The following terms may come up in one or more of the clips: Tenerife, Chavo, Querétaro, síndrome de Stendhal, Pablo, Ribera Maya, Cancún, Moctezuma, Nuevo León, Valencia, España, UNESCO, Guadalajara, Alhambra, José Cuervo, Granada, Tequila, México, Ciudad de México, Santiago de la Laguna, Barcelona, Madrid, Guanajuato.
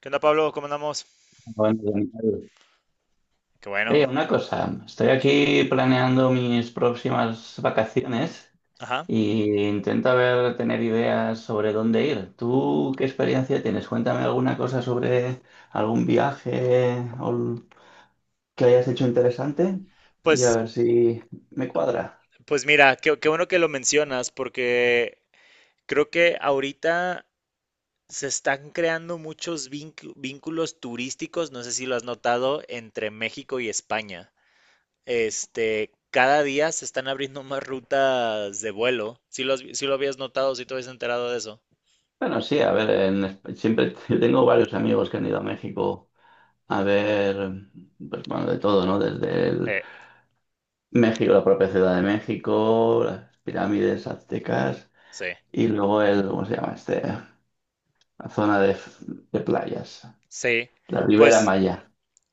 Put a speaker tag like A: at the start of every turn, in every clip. A: ¿Qué onda, Pablo? ¿Cómo andamos?
B: Bueno, Daniel,
A: Qué bueno.
B: oye, una cosa, estoy aquí planeando mis próximas vacaciones
A: Ajá.
B: y intento, a ver, tener ideas sobre dónde ir. ¿Tú qué experiencia tienes? Cuéntame alguna cosa sobre algún viaje que hayas hecho interesante y a
A: Pues,
B: ver si me cuadra.
A: pues mira, qué bueno que lo mencionas, porque creo que ahorita se están creando muchos vínculos turísticos, no sé si lo has notado, entre México y España. Cada día se están abriendo más rutas de vuelo. Si lo, has vi- sí lo habías notado, si te habías enterado de eso.
B: Bueno, sí, a ver, siempre yo tengo varios amigos que han ido a México, a ver, pues bueno, de todo, ¿no? Desde el
A: Eh,
B: México, la propia Ciudad de México, las pirámides aztecas
A: sí.
B: y luego el, ¿cómo se llama este? La zona de playas,
A: Sí,
B: la Ribera
A: pues,
B: Maya.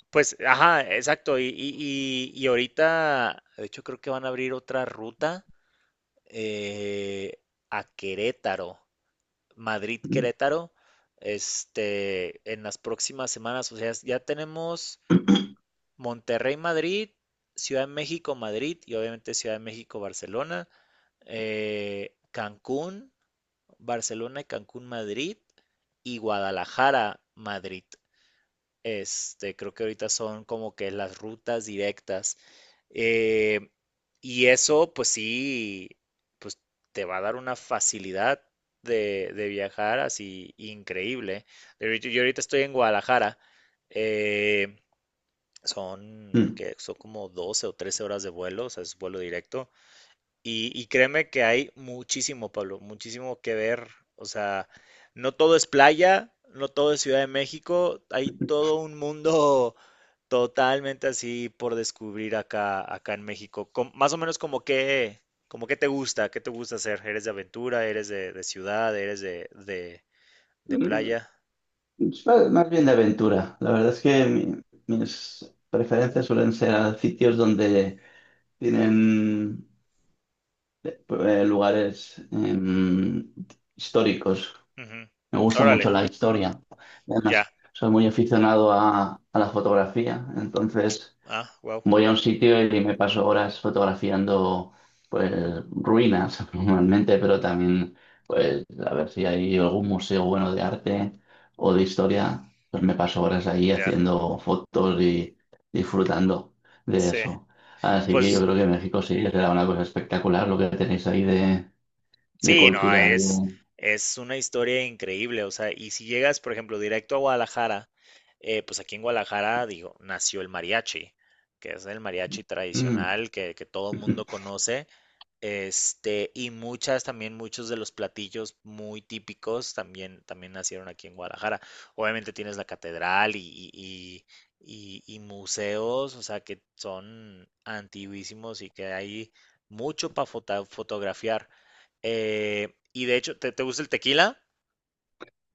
A: pues, ajá, exacto. Y ahorita, de hecho, creo que van a abrir otra ruta eh, a Querétaro,
B: Mm.
A: Madrid-Querétaro, en las próximas semanas. O sea, ya tenemos Monterrey-Madrid, Ciudad de México-Madrid y obviamente Ciudad de México-Barcelona, Cancún, Barcelona y Cancún-Madrid y Guadalajara-Madrid. Creo que ahorita son como que las rutas directas. eh, y eso, pues sí, pues te va a dar una facilidad de viajar así increíble. De hecho, yo ahorita estoy en Guadalajara. eh, que son como 12 o 13 horas de vuelo, o sea, es vuelo directo. Y créeme que hay muchísimo, Pablo, muchísimo que ver. O sea, no todo es playa, no todo es Ciudad de México, hay todo un mundo totalmente así por descubrir acá, acá en México. Más o menos como que te gusta, qué te gusta hacer. ¿Eres de aventura? ¿Eres de ciudad? ¿Eres de
B: Mm,
A: playa?
B: Es más bien de aventura. La verdad es que mis preferencias suelen ser a sitios donde tienen lugares históricos.
A: Ujú.
B: Me gusta
A: Órale,
B: mucho la historia.
A: ya.
B: Además, soy muy aficionado a la fotografía, entonces
A: Ah, wow,
B: voy a un sitio y me paso horas fotografiando pues ruinas normalmente, pero también pues a ver si hay algún museo bueno de arte o de historia, pues me paso horas ahí
A: ya.
B: haciendo fotos y disfrutando de
A: Sí.
B: eso. Así que yo
A: Pues
B: creo que México sí será una cosa espectacular lo que tenéis ahí de
A: sí, no,
B: cultura.
A: es una historia increíble, o sea, y si llegas, por ejemplo, directo a Guadalajara, pues aquí en Guadalajara, digo, nació el mariachi, que es el mariachi
B: Mm.
A: tradicional que todo mundo conoce, y muchas también, muchos de los platillos muy típicos también, también nacieron aquí en Guadalajara. Obviamente tienes la catedral y, y- y museos, o sea, que son antiguísimos y que hay mucho para fotografiar. Y de hecho, ¿te gusta el tequila?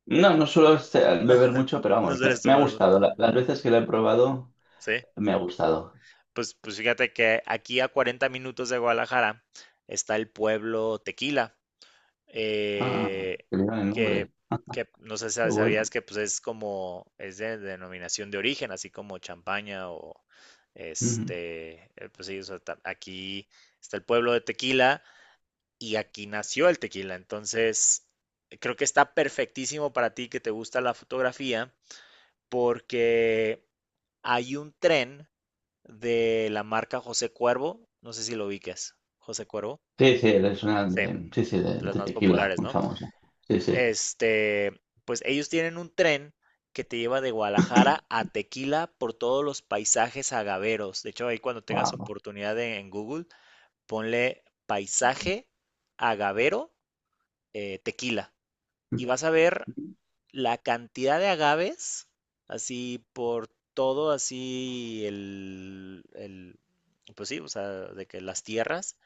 B: No, no suelo
A: No,
B: beber mucho, pero
A: no
B: vamos,
A: sueles
B: me ha
A: tomar.
B: gustado. Las veces que lo he probado,
A: Sí.
B: me ha gustado.
A: Pues, pues fíjate que aquí a 40 minutos de Guadalajara está el pueblo Tequila.
B: Ah,
A: eh,
B: que le dan el
A: que,
B: nombre.
A: que no sé si
B: Qué
A: sabías
B: bueno.
A: que pues es como, es de denominación de origen, así como champaña o
B: Ujú.
A: pues sí, o sea, aquí está el pueblo de Tequila y aquí nació el tequila, entonces creo que está perfectísimo para ti que te gusta la fotografía porque hay un tren de la marca José Cuervo, no sé si lo ubicas, José Cuervo,
B: Sí, sí, es una
A: sí,
B: de, sí, sí,
A: de las
B: de
A: más
B: tequila,
A: populares,
B: muy
A: ¿no?
B: famosa. Sí, sí.
A: Este, pues ellos tienen un tren que te lleva de Guadalajara a Tequila por todos los paisajes agaveros. De hecho, ahí cuando tengas
B: Wow.
A: oportunidad en Google, ponle paisaje agavero Tequila y vas a ver la cantidad de agaves así por todo así el pues sí, o sea, de que las tierras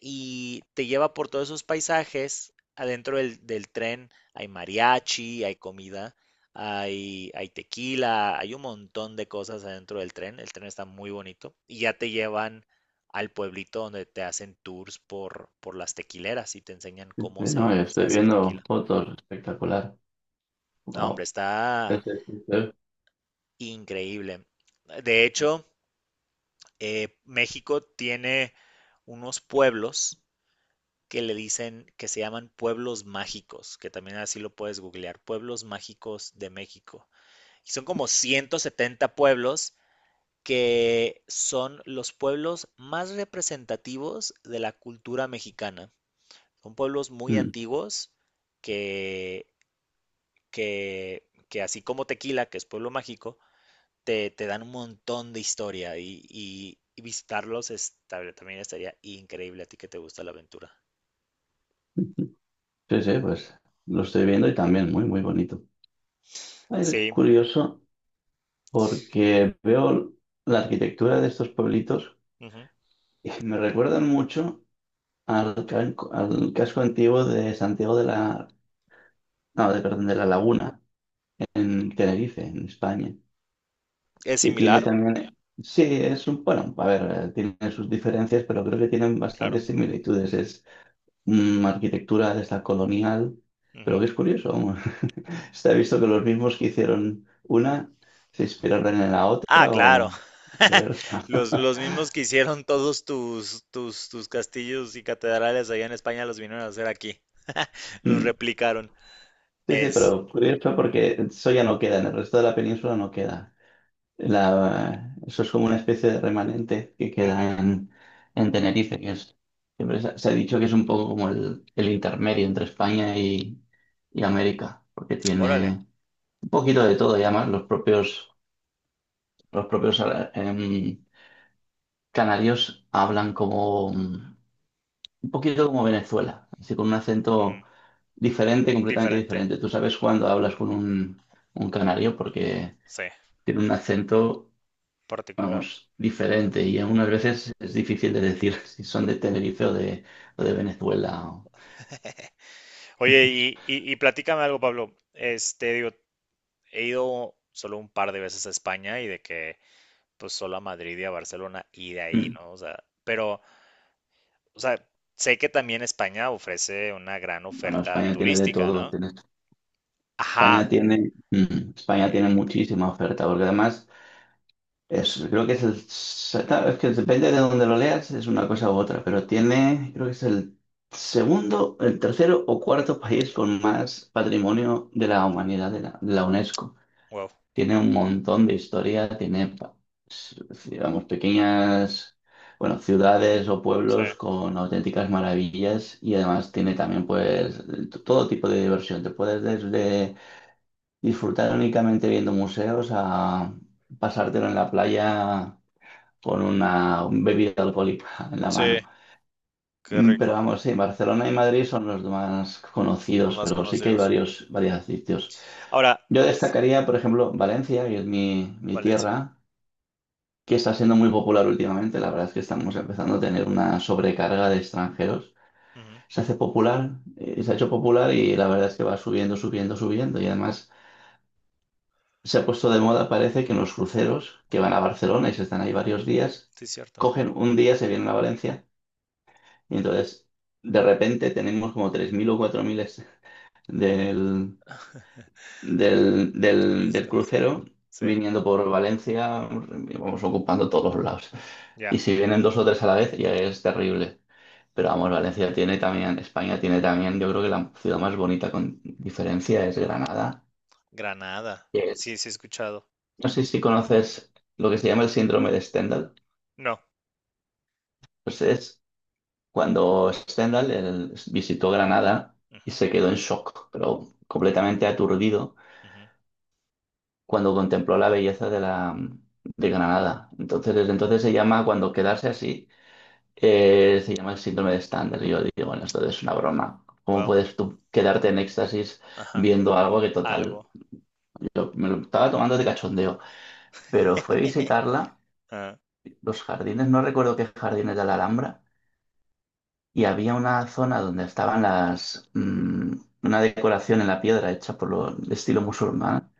A: y te lleva por todos esos paisajes. Adentro del tren hay mariachi, hay comida, hay tequila, hay un montón de cosas adentro del tren. El tren está muy bonito y ya te llevan al pueblito donde te hacen tours por las tequileras y te enseñan cómo
B: No,
A: se,
B: yo
A: se
B: estoy
A: hace el
B: viendo
A: tequila.
B: fotos, espectacular.
A: No, hombre,
B: Wow. Sí,
A: está
B: sí, sí, sí.
A: increíble. De hecho, México tiene unos pueblos que le dicen que se llaman pueblos mágicos, que también así lo puedes googlear, pueblos mágicos de México. Y son como 170 pueblos que son los pueblos más representativos de la cultura mexicana. Son pueblos muy
B: Mm.
A: antiguos que, que así como Tequila, que es pueblo mágico, te dan un montón de historia y visitarlos también estaría increíble a ti que te gusta la aventura.
B: Sí, sí, pues lo estoy viendo y también muy, muy bonito. Es
A: Sí,
B: curioso porque veo la arquitectura de estos pueblitos
A: ujú.
B: y me recuerdan mucho al casco antiguo de Santiago de la, no, de, perdón, de la Laguna, en Tenerife, en España,
A: Es
B: que tiene
A: similar,
B: también, sí, es un, bueno, a ver, tiene sus diferencias, pero creo que tienen
A: claro.
B: bastantes similitudes. Es arquitectura de esta colonial, pero
A: Ujú.
B: que es curioso, se ha visto que los mismos que hicieron una se inspiraron en la
A: Ah,
B: otra
A: claro.
B: o viceversa.
A: Los mismos que hicieron todos tus, tus castillos y catedrales allá en España los vinieron a hacer aquí. Los
B: Mm.
A: replicaron.
B: Sí, sí,
A: Es.
B: pero curioso porque eso ya no queda, en el resto de la península no queda. La, eso es como una especie de remanente que
A: Ujú,
B: queda en Tenerife, que es, siempre se ha dicho que es un poco como el intermedio entre España y América, porque
A: órale.
B: tiene un poquito de todo, y además los propios em, canarios hablan como un poquito como Venezuela, así con un
A: Ujú,
B: acento diferente, completamente
A: diferente.
B: diferente. Tú sabes cuando hablas con un canario porque
A: Sí,
B: tiene un acento,
A: particular.
B: vamos, diferente, y algunas veces es difícil de decir si son de Tenerife o de Venezuela.
A: Oye, y platícame algo, Pablo. Este, digo, he ido solo un par de veces a España y de que, pues, solo a Madrid y a Barcelona y de ahí,
B: Mm,
A: ¿no? O sea, pero, o sea, sé que también España ofrece una gran
B: Bueno,
A: oferta
B: España tiene de
A: turística,
B: todo.
A: ¿no? Ajá,
B: España tiene, España
A: eh,
B: tiene muchísima oferta, porque además es, creo que es claro, es que depende de donde lo leas, es una cosa u otra, pero tiene, creo que es el segundo, el tercero o cuarto país con más patrimonio de la humanidad de la UNESCO.
A: wow,
B: Tiene un montón de historia, tiene, s- digamos, pequeñas, bueno, ciudades o
A: sí,
B: pueblos con auténticas maravillas y además tiene también, pues, todo tipo de diversión. Te puedes desde disfrutar únicamente viendo museos a pasártelo en la playa con una bebida alcohólica en la
A: sí,
B: mano.
A: qué
B: Pero
A: rico,
B: vamos, sí, Barcelona y Madrid son los más
A: los
B: conocidos,
A: más
B: pero sí que hay
A: conocidos.
B: varios, varios sitios.
A: Ahora,
B: Yo
A: s-
B: destacaría, por ejemplo, Valencia, que es mi
A: Valencia,
B: tierra, que está siendo muy popular últimamente. La verdad es que estamos empezando a tener una sobrecarga de extranjeros.
A: ujú,
B: Se hace popular, se ha hecho popular y la verdad es que va subiendo, subiendo, subiendo. Y además se ha puesto de moda, parece que en los cruceros que van a Barcelona y se están ahí varios días,
A: sí, cierto,
B: cogen un día, se vienen a Valencia y entonces de repente tenemos como 3.000 o 4.000 del, del
A: turistas,
B: crucero
A: sí,
B: viniendo por Valencia, vamos ocupando todos los lados.
A: ya,
B: Y si vienen dos o tres a la vez, ya es terrible. Pero vamos, Valencia tiene también, España tiene también, yo creo que la ciudad más bonita con diferencia es Granada,
A: Granada,
B: que
A: sí,
B: es,
A: sí he escuchado,
B: no sé si conoces lo que se llama el síndrome de Stendhal.
A: no,
B: Pues es cuando Stendhal él visitó Granada y
A: ujú,
B: se quedó en shock, pero completamente aturdido
A: ujú.
B: cuando contempló la belleza de la de Granada. Entonces, desde entonces se llama, cuando quedarse así, se llama el síndrome de Stander. Y yo digo, bueno, esto es una broma. ¿Cómo
A: Wow,
B: puedes tú quedarte en éxtasis
A: ajá,
B: viendo algo que total,
A: algo,
B: yo me lo estaba tomando de cachondeo? Pero fue visitarla,
A: ah,
B: los jardines, no recuerdo qué jardines de la Alhambra, y había una zona donde estaban las, una decoración en la piedra hecha por lo de estilo musulmán,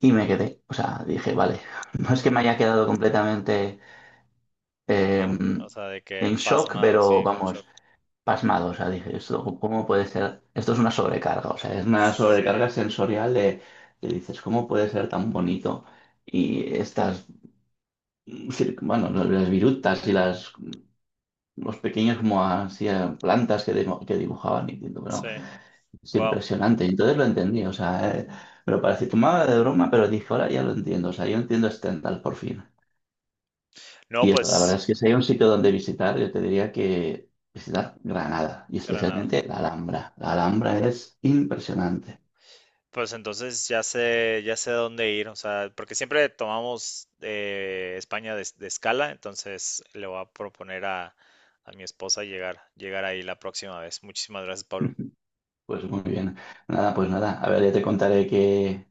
B: y me quedé, o sea, dije, vale, no es que me haya quedado completamente eh,
A: o sea, de que
B: en shock,
A: pasmado,
B: pero
A: sí, con shock,
B: vamos, pasmado. O sea, dije, ¿esto cómo puede ser? Esto es una sobrecarga, o sea, es una
A: sí,
B: sobrecarga sensorial de, que dices, ¿cómo puede ser tan bonito? Y estas, bueno, no, las virutas y las, los pequeños como así, plantas que, que dibujaban, y diciendo, bueno,
A: sí,
B: es
A: wow,
B: impresionante. Y entonces lo entendí, o sea, me lo parecía tomaba de broma, pero dije, ahora ya lo entiendo, o sea, yo entiendo Stendhal por fin.
A: no,
B: Y eso, la
A: pues,
B: verdad es que si hay un sitio donde visitar, yo te diría que visitar Granada y
A: Granada,
B: especialmente la Alhambra. La Alhambra es impresionante.
A: pues entonces ya sé dónde ir, o sea, porque siempre tomamos España de escala, entonces le voy a proponer a mi esposa llegar, llegar ahí la próxima vez. Muchísimas gracias, Pablo.
B: Pues muy bien. Nada, pues nada. A ver, ya te contaré qué,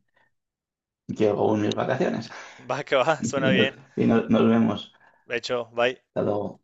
B: qué hago en mis vacaciones.
A: Va que va, suena
B: Y nos,
A: bien.
B: y nos vemos.
A: De hecho, bye.
B: Hasta luego.